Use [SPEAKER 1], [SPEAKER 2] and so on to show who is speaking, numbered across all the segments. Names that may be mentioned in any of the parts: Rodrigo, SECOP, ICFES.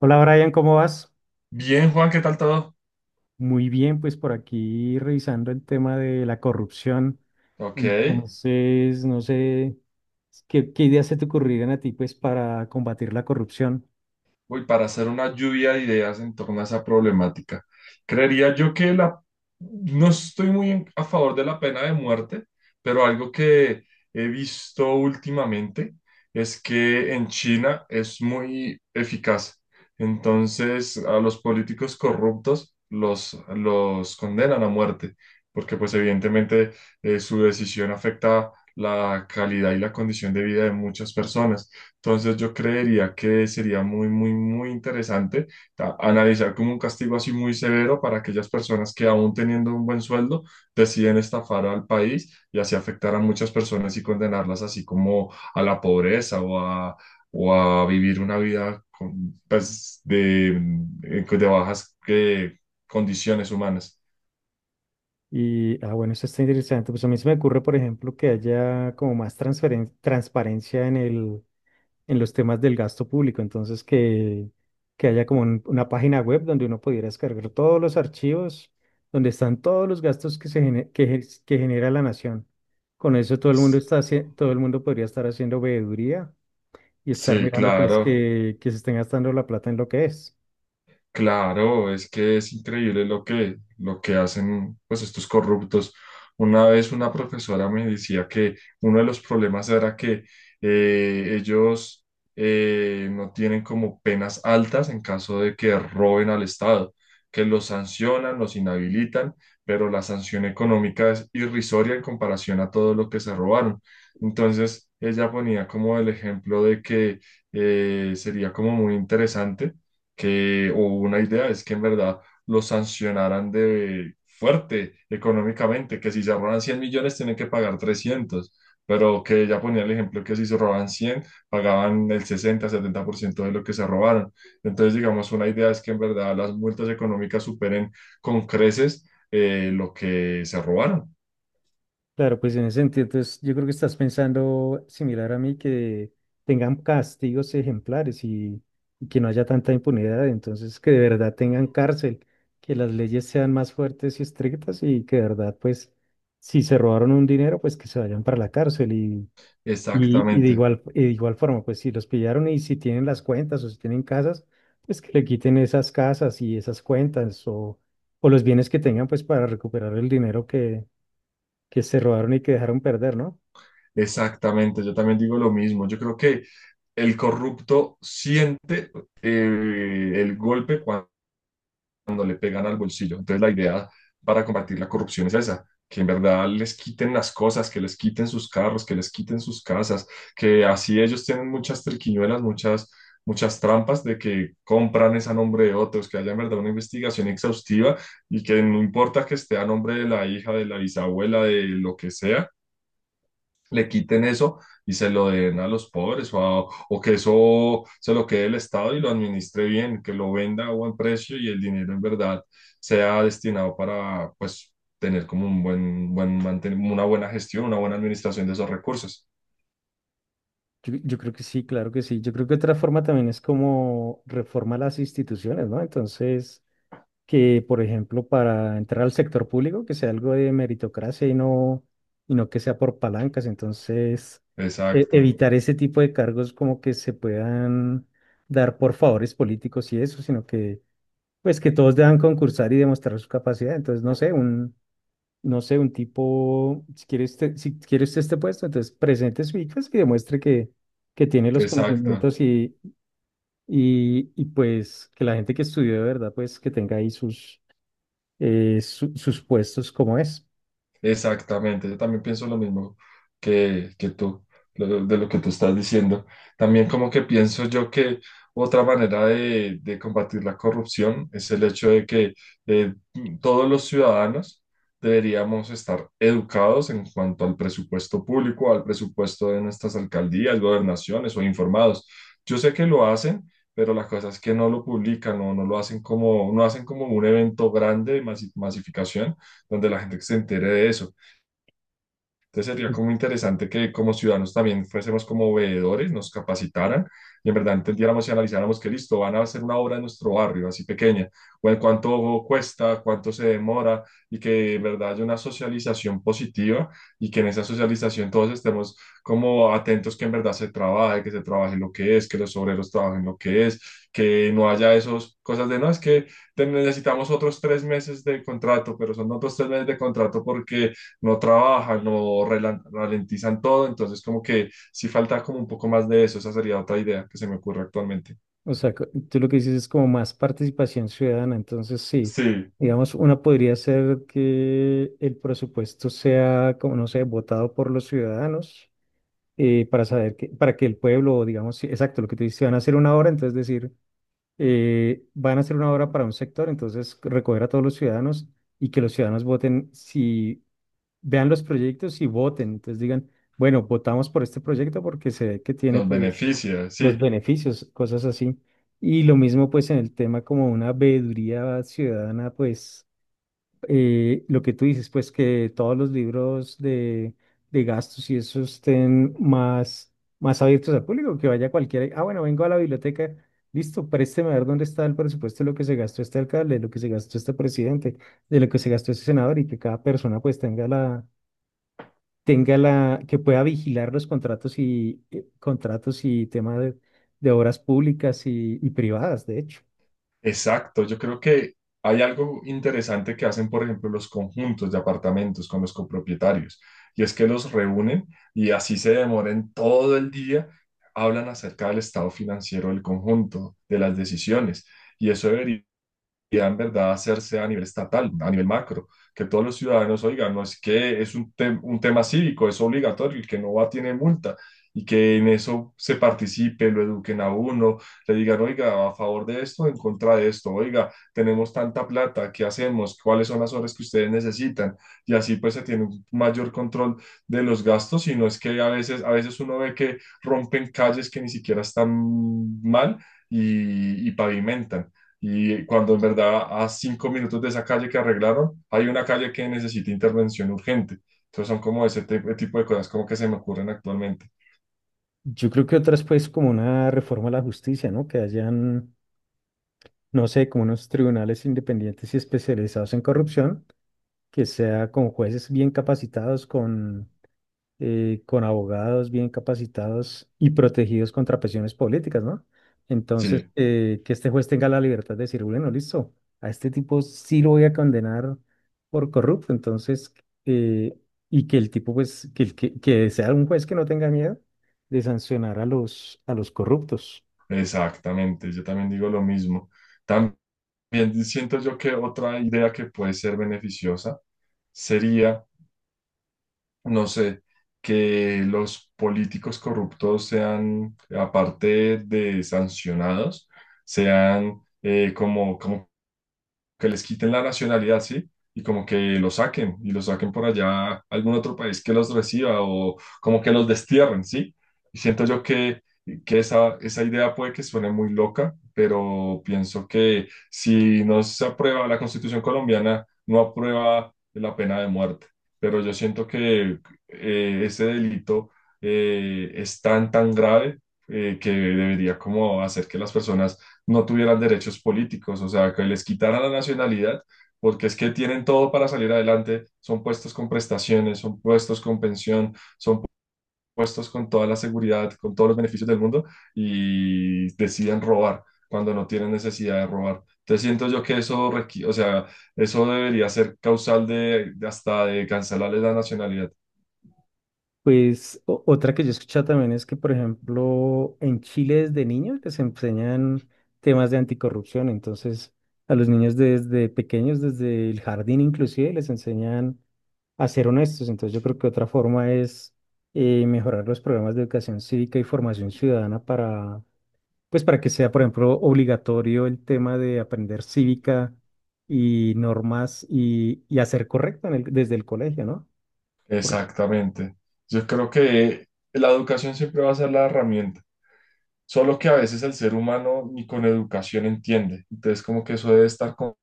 [SPEAKER 1] Hola Brian, ¿cómo vas?
[SPEAKER 2] Bien, Juan, ¿qué tal todo?
[SPEAKER 1] Muy bien, pues por aquí revisando el tema de la corrupción.
[SPEAKER 2] Ok.
[SPEAKER 1] Entonces, no sé, ¿qué ideas se te ocurrirían a ti pues para combatir la corrupción?
[SPEAKER 2] Uy, para hacer una lluvia de ideas en torno a esa problemática. Creería yo que no estoy muy a favor de la pena de muerte, pero algo que he visto últimamente es que en China es muy eficaz. Entonces, a los políticos corruptos los condenan a muerte, porque pues evidentemente su decisión afecta la calidad y la condición de vida de muchas personas. Entonces yo creería que sería muy, muy, muy interesante analizar como un castigo así muy severo para aquellas personas que aún teniendo un buen sueldo deciden estafar al país y así afectar a muchas personas y condenarlas así como a la pobreza o a vivir una vida con, pues, de bajas condiciones humanas.
[SPEAKER 1] Y, bueno, eso está interesante. Pues a mí se me ocurre, por ejemplo, que haya como más transparencia en en los temas del gasto público. Entonces, que haya como una página web donde uno pudiera descargar todos los archivos, donde están todos los gastos se que genera la nación. Con eso todo el mundo está, todo el mundo podría estar haciendo veeduría y estar
[SPEAKER 2] Sí,
[SPEAKER 1] mirando pues
[SPEAKER 2] claro.
[SPEAKER 1] que se estén gastando la plata en lo que es.
[SPEAKER 2] Claro, es que es increíble lo que hacen pues estos corruptos. Una vez una profesora me decía que uno de los problemas era que ellos no tienen como penas altas en caso de que roben al Estado, que los sancionan, los inhabilitan, pero la sanción económica es irrisoria en comparación a todo lo que se robaron. Entonces, ella ponía como el ejemplo de que sería como muy interesante o una idea es que en verdad lo sancionaran de fuerte económicamente, que si se roban 100 millones tienen que pagar 300, pero que ya ponía el ejemplo que si se roban 100 pagaban el 60, 70% de lo que se robaron. Entonces, digamos, una idea es que en verdad las multas económicas superen con creces lo que se robaron.
[SPEAKER 1] Claro, pues en ese sentido, entonces yo creo que estás pensando similar a mí, que tengan castigos ejemplares y que no haya tanta impunidad, entonces que de verdad tengan cárcel, que las leyes sean más fuertes y estrictas y que de verdad, pues, si se robaron un dinero, pues que se vayan para la cárcel y de
[SPEAKER 2] Exactamente.
[SPEAKER 1] igual, y de igual forma, pues si los pillaron y si tienen las cuentas o si tienen casas, pues que le quiten esas casas y esas cuentas o los bienes que tengan, pues para recuperar el dinero que se robaron y que dejaron perder, ¿no?
[SPEAKER 2] Exactamente, yo también digo lo mismo. Yo creo que el corrupto siente el golpe cuando le pegan al bolsillo. Entonces la idea para combatir la corrupción es esa, que en verdad les quiten las cosas, que les quiten sus carros, que les quiten sus casas, que así ellos tienen muchas triquiñuelas, muchas, muchas trampas de que compran es a nombre de otros, que haya en verdad una investigación exhaustiva y que no importa que esté a nombre de la hija, de la bisabuela, de lo que sea, le quiten eso y se lo den a los pobres, o que eso se lo quede el Estado y lo administre bien, que lo venda a buen precio y el dinero en verdad sea destinado para pues tener como un buen, buen manten- una buena gestión, una buena administración de esos recursos.
[SPEAKER 1] Yo creo que sí, claro que sí. Yo creo que otra forma también es como reforma las instituciones, ¿no? Entonces, que por ejemplo, para entrar al sector público, que sea algo de meritocracia y no que sea por palancas. Entonces,
[SPEAKER 2] Exacto,
[SPEAKER 1] evitar ese tipo de cargos como que se puedan dar por favores políticos y eso, sino que, pues, que todos deban concursar y demostrar su capacidad. Entonces, no sé, un tipo, si quiere usted este puesto, entonces presente su ICFES y demuestre que tiene los
[SPEAKER 2] exacto.
[SPEAKER 1] conocimientos y pues que la gente que estudió de verdad, pues que tenga ahí sus, sus puestos como es.
[SPEAKER 2] Exactamente, yo también pienso lo mismo que tú, de lo que tú estás diciendo. También como que pienso yo que otra manera de combatir la corrupción es el hecho de que eh, todos los ciudadanos deberíamos estar educados en cuanto al presupuesto público, al presupuesto de nuestras alcaldías, gobernaciones o informados. Yo sé que lo hacen, pero la cosa es que no lo publican o no lo hacen como, no hacen como un evento grande de masificación donde la gente se entere de eso. Entonces sería como interesante que como ciudadanos también fuésemos como veedores, nos capacitaran y en verdad entendiéramos y analizáramos que listo, van a hacer una obra en nuestro barrio, así pequeña, bueno, cuánto cuesta, cuánto se demora y que en verdad haya una socialización positiva y que en esa socialización todos estemos como atentos que en verdad se trabaje, que se trabaje lo que es, que los obreros trabajen lo que es, que no haya esas cosas de no, es que necesitamos otros 3 meses de contrato, pero son otros 3 meses de contrato porque no trabajan, no ralentizan todo, entonces como que sí falta como un poco más de eso, esa sería otra idea que se me ocurre actualmente.
[SPEAKER 1] O sea, tú lo que dices es como más participación ciudadana, entonces sí.
[SPEAKER 2] Sí,
[SPEAKER 1] Digamos, una podría ser que el presupuesto sea, como no sé, votado por los ciudadanos para saber que, para que el pueblo, digamos, sí, exacto, lo que te dice, van a hacer una hora, entonces decir, van a hacer una obra para un sector, entonces recoger a todos los ciudadanos y que los ciudadanos voten, si vean los proyectos y voten, entonces digan, bueno, votamos por este proyecto porque se ve que tiene
[SPEAKER 2] nos
[SPEAKER 1] pues
[SPEAKER 2] beneficia,
[SPEAKER 1] los
[SPEAKER 2] sí.
[SPEAKER 1] beneficios, cosas así. Y lo mismo pues en el tema como una veeduría ciudadana, pues lo que tú dices, pues que todos los libros de gastos y eso estén más abiertos al público, que vaya cualquiera. Ah, bueno, vengo a la biblioteca, listo, présteme a ver dónde está el presupuesto de lo que se gastó este alcalde, de lo que se gastó este presidente, de lo que se gastó este senador y que cada persona pues tenga tenga la, que pueda vigilar los contratos y contratos y temas de obras públicas y privadas, de hecho.
[SPEAKER 2] Exacto, yo creo que hay algo interesante que hacen, por ejemplo, los conjuntos de apartamentos con los copropietarios, y es que los reúnen y así se demoren todo el día, hablan acerca del estado financiero del conjunto, de las decisiones, y eso debería en verdad hacerse a nivel estatal, a nivel macro, que todos los ciudadanos oigan, no es que es un tema cívico, es obligatorio, el que no va tiene multa y que en eso se participe, lo eduquen a uno, le digan, oiga, a favor de esto, en contra de esto, oiga, tenemos tanta plata, ¿qué hacemos? ¿Cuáles son las horas que ustedes necesitan? Y así pues se tiene un mayor control de los gastos y no es que a veces, uno ve que rompen calles que ni siquiera están mal y pavimentan. Y cuando en verdad a 5 minutos de esa calle que arreglaron, hay una calle que necesita intervención urgente. Entonces son como ese tipo de cosas como que se me ocurren actualmente.
[SPEAKER 1] Yo creo que otras, pues, como una reforma a la justicia, ¿no? Que hayan, no sé, como unos tribunales independientes y especializados en corrupción, que sea con jueces bien capacitados, con abogados bien capacitados y protegidos contra presiones políticas, ¿no? Entonces,
[SPEAKER 2] Sí,
[SPEAKER 1] que este juez tenga la libertad de decir, bueno, listo, a este tipo sí lo voy a condenar por corrupto, entonces, eh, y que el tipo, pues, que sea un juez que no tenga miedo de sancionar a a los corruptos.
[SPEAKER 2] exactamente. Yo también digo lo mismo. También siento yo que otra idea que puede ser beneficiosa sería, no sé, que los políticos corruptos sean, aparte de sancionados, sean como que les quiten la nacionalidad, ¿sí? Y como que los saquen y los saquen por allá a algún otro país que los reciba o como que los destierren, ¿sí? Y siento yo que esa idea puede que suene muy loca, pero pienso que si no se aprueba la Constitución colombiana, no aprueba la pena de muerte. Pero yo siento que ese delito es tan, tan grave que debería como hacer que las personas no tuvieran derechos políticos, o sea, que les quitaran la nacionalidad, porque es que tienen todo para salir adelante, son puestos con prestaciones, son puestos con pensión, son puestos con toda la seguridad, con todos los beneficios del mundo y deciden robar cuando no tienen necesidad de robar. Entonces siento yo que o sea, eso debería ser causal de hasta de cancelarles la nacionalidad.
[SPEAKER 1] Pues otra que yo he escuchado también es que, por ejemplo, en Chile desde niños les enseñan temas de anticorrupción. Entonces, a los niños desde pequeños, desde el jardín inclusive, les enseñan a ser honestos. Entonces, yo creo que otra forma es mejorar los programas de educación cívica y formación ciudadana para pues para que sea, por ejemplo, obligatorio el tema de aprender cívica y normas y hacer correcto en desde el colegio, ¿no?
[SPEAKER 2] Exactamente. Yo creo que la educación siempre va a ser la herramienta. Solo que a veces el ser humano ni con educación entiende. Entonces, como que eso debe estar con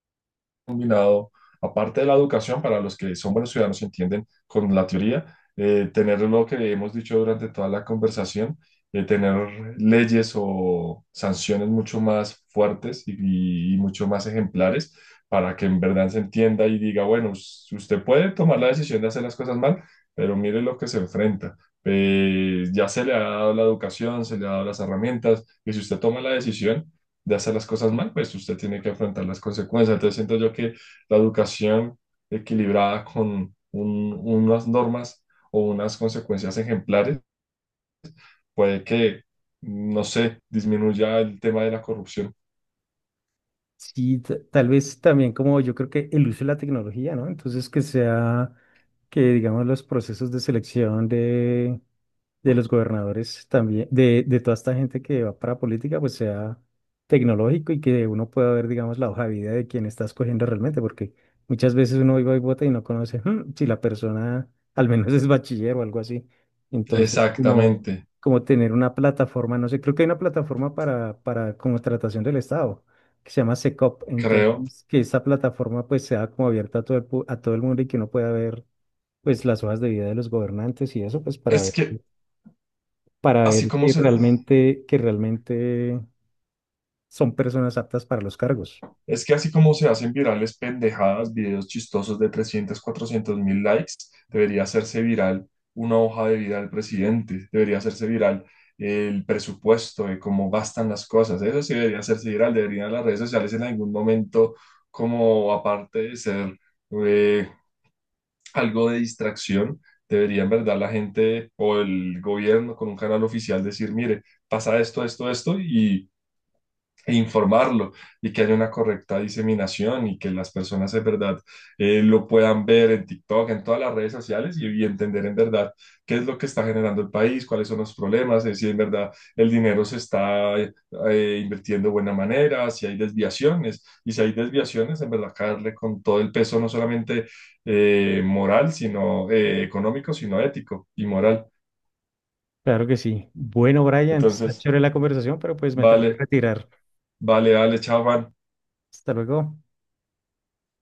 [SPEAKER 2] combinado, aparte de la educación, para los que son buenos ciudadanos y entienden con la teoría, tener lo que hemos dicho durante toda la conversación, tener leyes o sanciones mucho más fuertes y mucho más ejemplares para que en verdad se entienda y diga, bueno, usted puede tomar la decisión de hacer las cosas mal, pero mire lo que se enfrenta. Ya se le ha dado la educación, se le ha dado las herramientas, y si usted toma la decisión de hacer las cosas mal, pues usted tiene que afrontar las consecuencias. Entonces siento yo que la educación equilibrada con unas normas o unas consecuencias ejemplares puede que, no sé, disminuya el tema de la corrupción.
[SPEAKER 1] Sí, tal vez también como yo creo que el uso de la tecnología, ¿no? Entonces que sea, que digamos los procesos de selección de los gobernadores también, de toda esta gente que va para política, pues sea tecnológico y que uno pueda ver, digamos, la hoja de vida de quien está escogiendo realmente, porque muchas veces uno iba y vota y no conoce "Hmm, si la persona al menos es bachiller o algo así. Entonces,
[SPEAKER 2] Exactamente,
[SPEAKER 1] como tener una plataforma, no sé, creo que hay una plataforma para como contratación del Estado que se llama SECOP,
[SPEAKER 2] creo.
[SPEAKER 1] entonces que esta plataforma pues sea como abierta a todo a todo el mundo y que uno pueda ver pues las hojas de vida de los gobernantes y eso pues para
[SPEAKER 2] Es
[SPEAKER 1] ver
[SPEAKER 2] que así como se,
[SPEAKER 1] que realmente son personas aptas para los cargos.
[SPEAKER 2] Es que así como se hacen virales pendejadas, videos chistosos de 300, 400 mil likes, debería hacerse viral una hoja de vida del presidente, debería hacerse viral el presupuesto de cómo gastan las cosas. Eso sí debería hacerse viral, deberían las redes sociales en algún momento, como aparte de ser eh, algo de distracción, debería en verdad la gente o el gobierno con un canal oficial decir, mire, pasa esto, esto, esto, e informarlo y que haya una correcta diseminación y que las personas de verdad lo puedan ver en TikTok, en todas las redes sociales y entender en verdad qué es lo que está generando el país, cuáles son los problemas, si en verdad el dinero se está invirtiendo de buena manera, si hay desviaciones y si hay desviaciones, en verdad caerle con todo el peso, no solamente moral, sino económico, sino ético y moral.
[SPEAKER 1] Claro que sí. Bueno, Brian, está
[SPEAKER 2] Entonces,
[SPEAKER 1] chévere la conversación, pero pues me tengo que
[SPEAKER 2] vale,
[SPEAKER 1] retirar.
[SPEAKER 2] vale, dale, chao, Juan.
[SPEAKER 1] Hasta luego.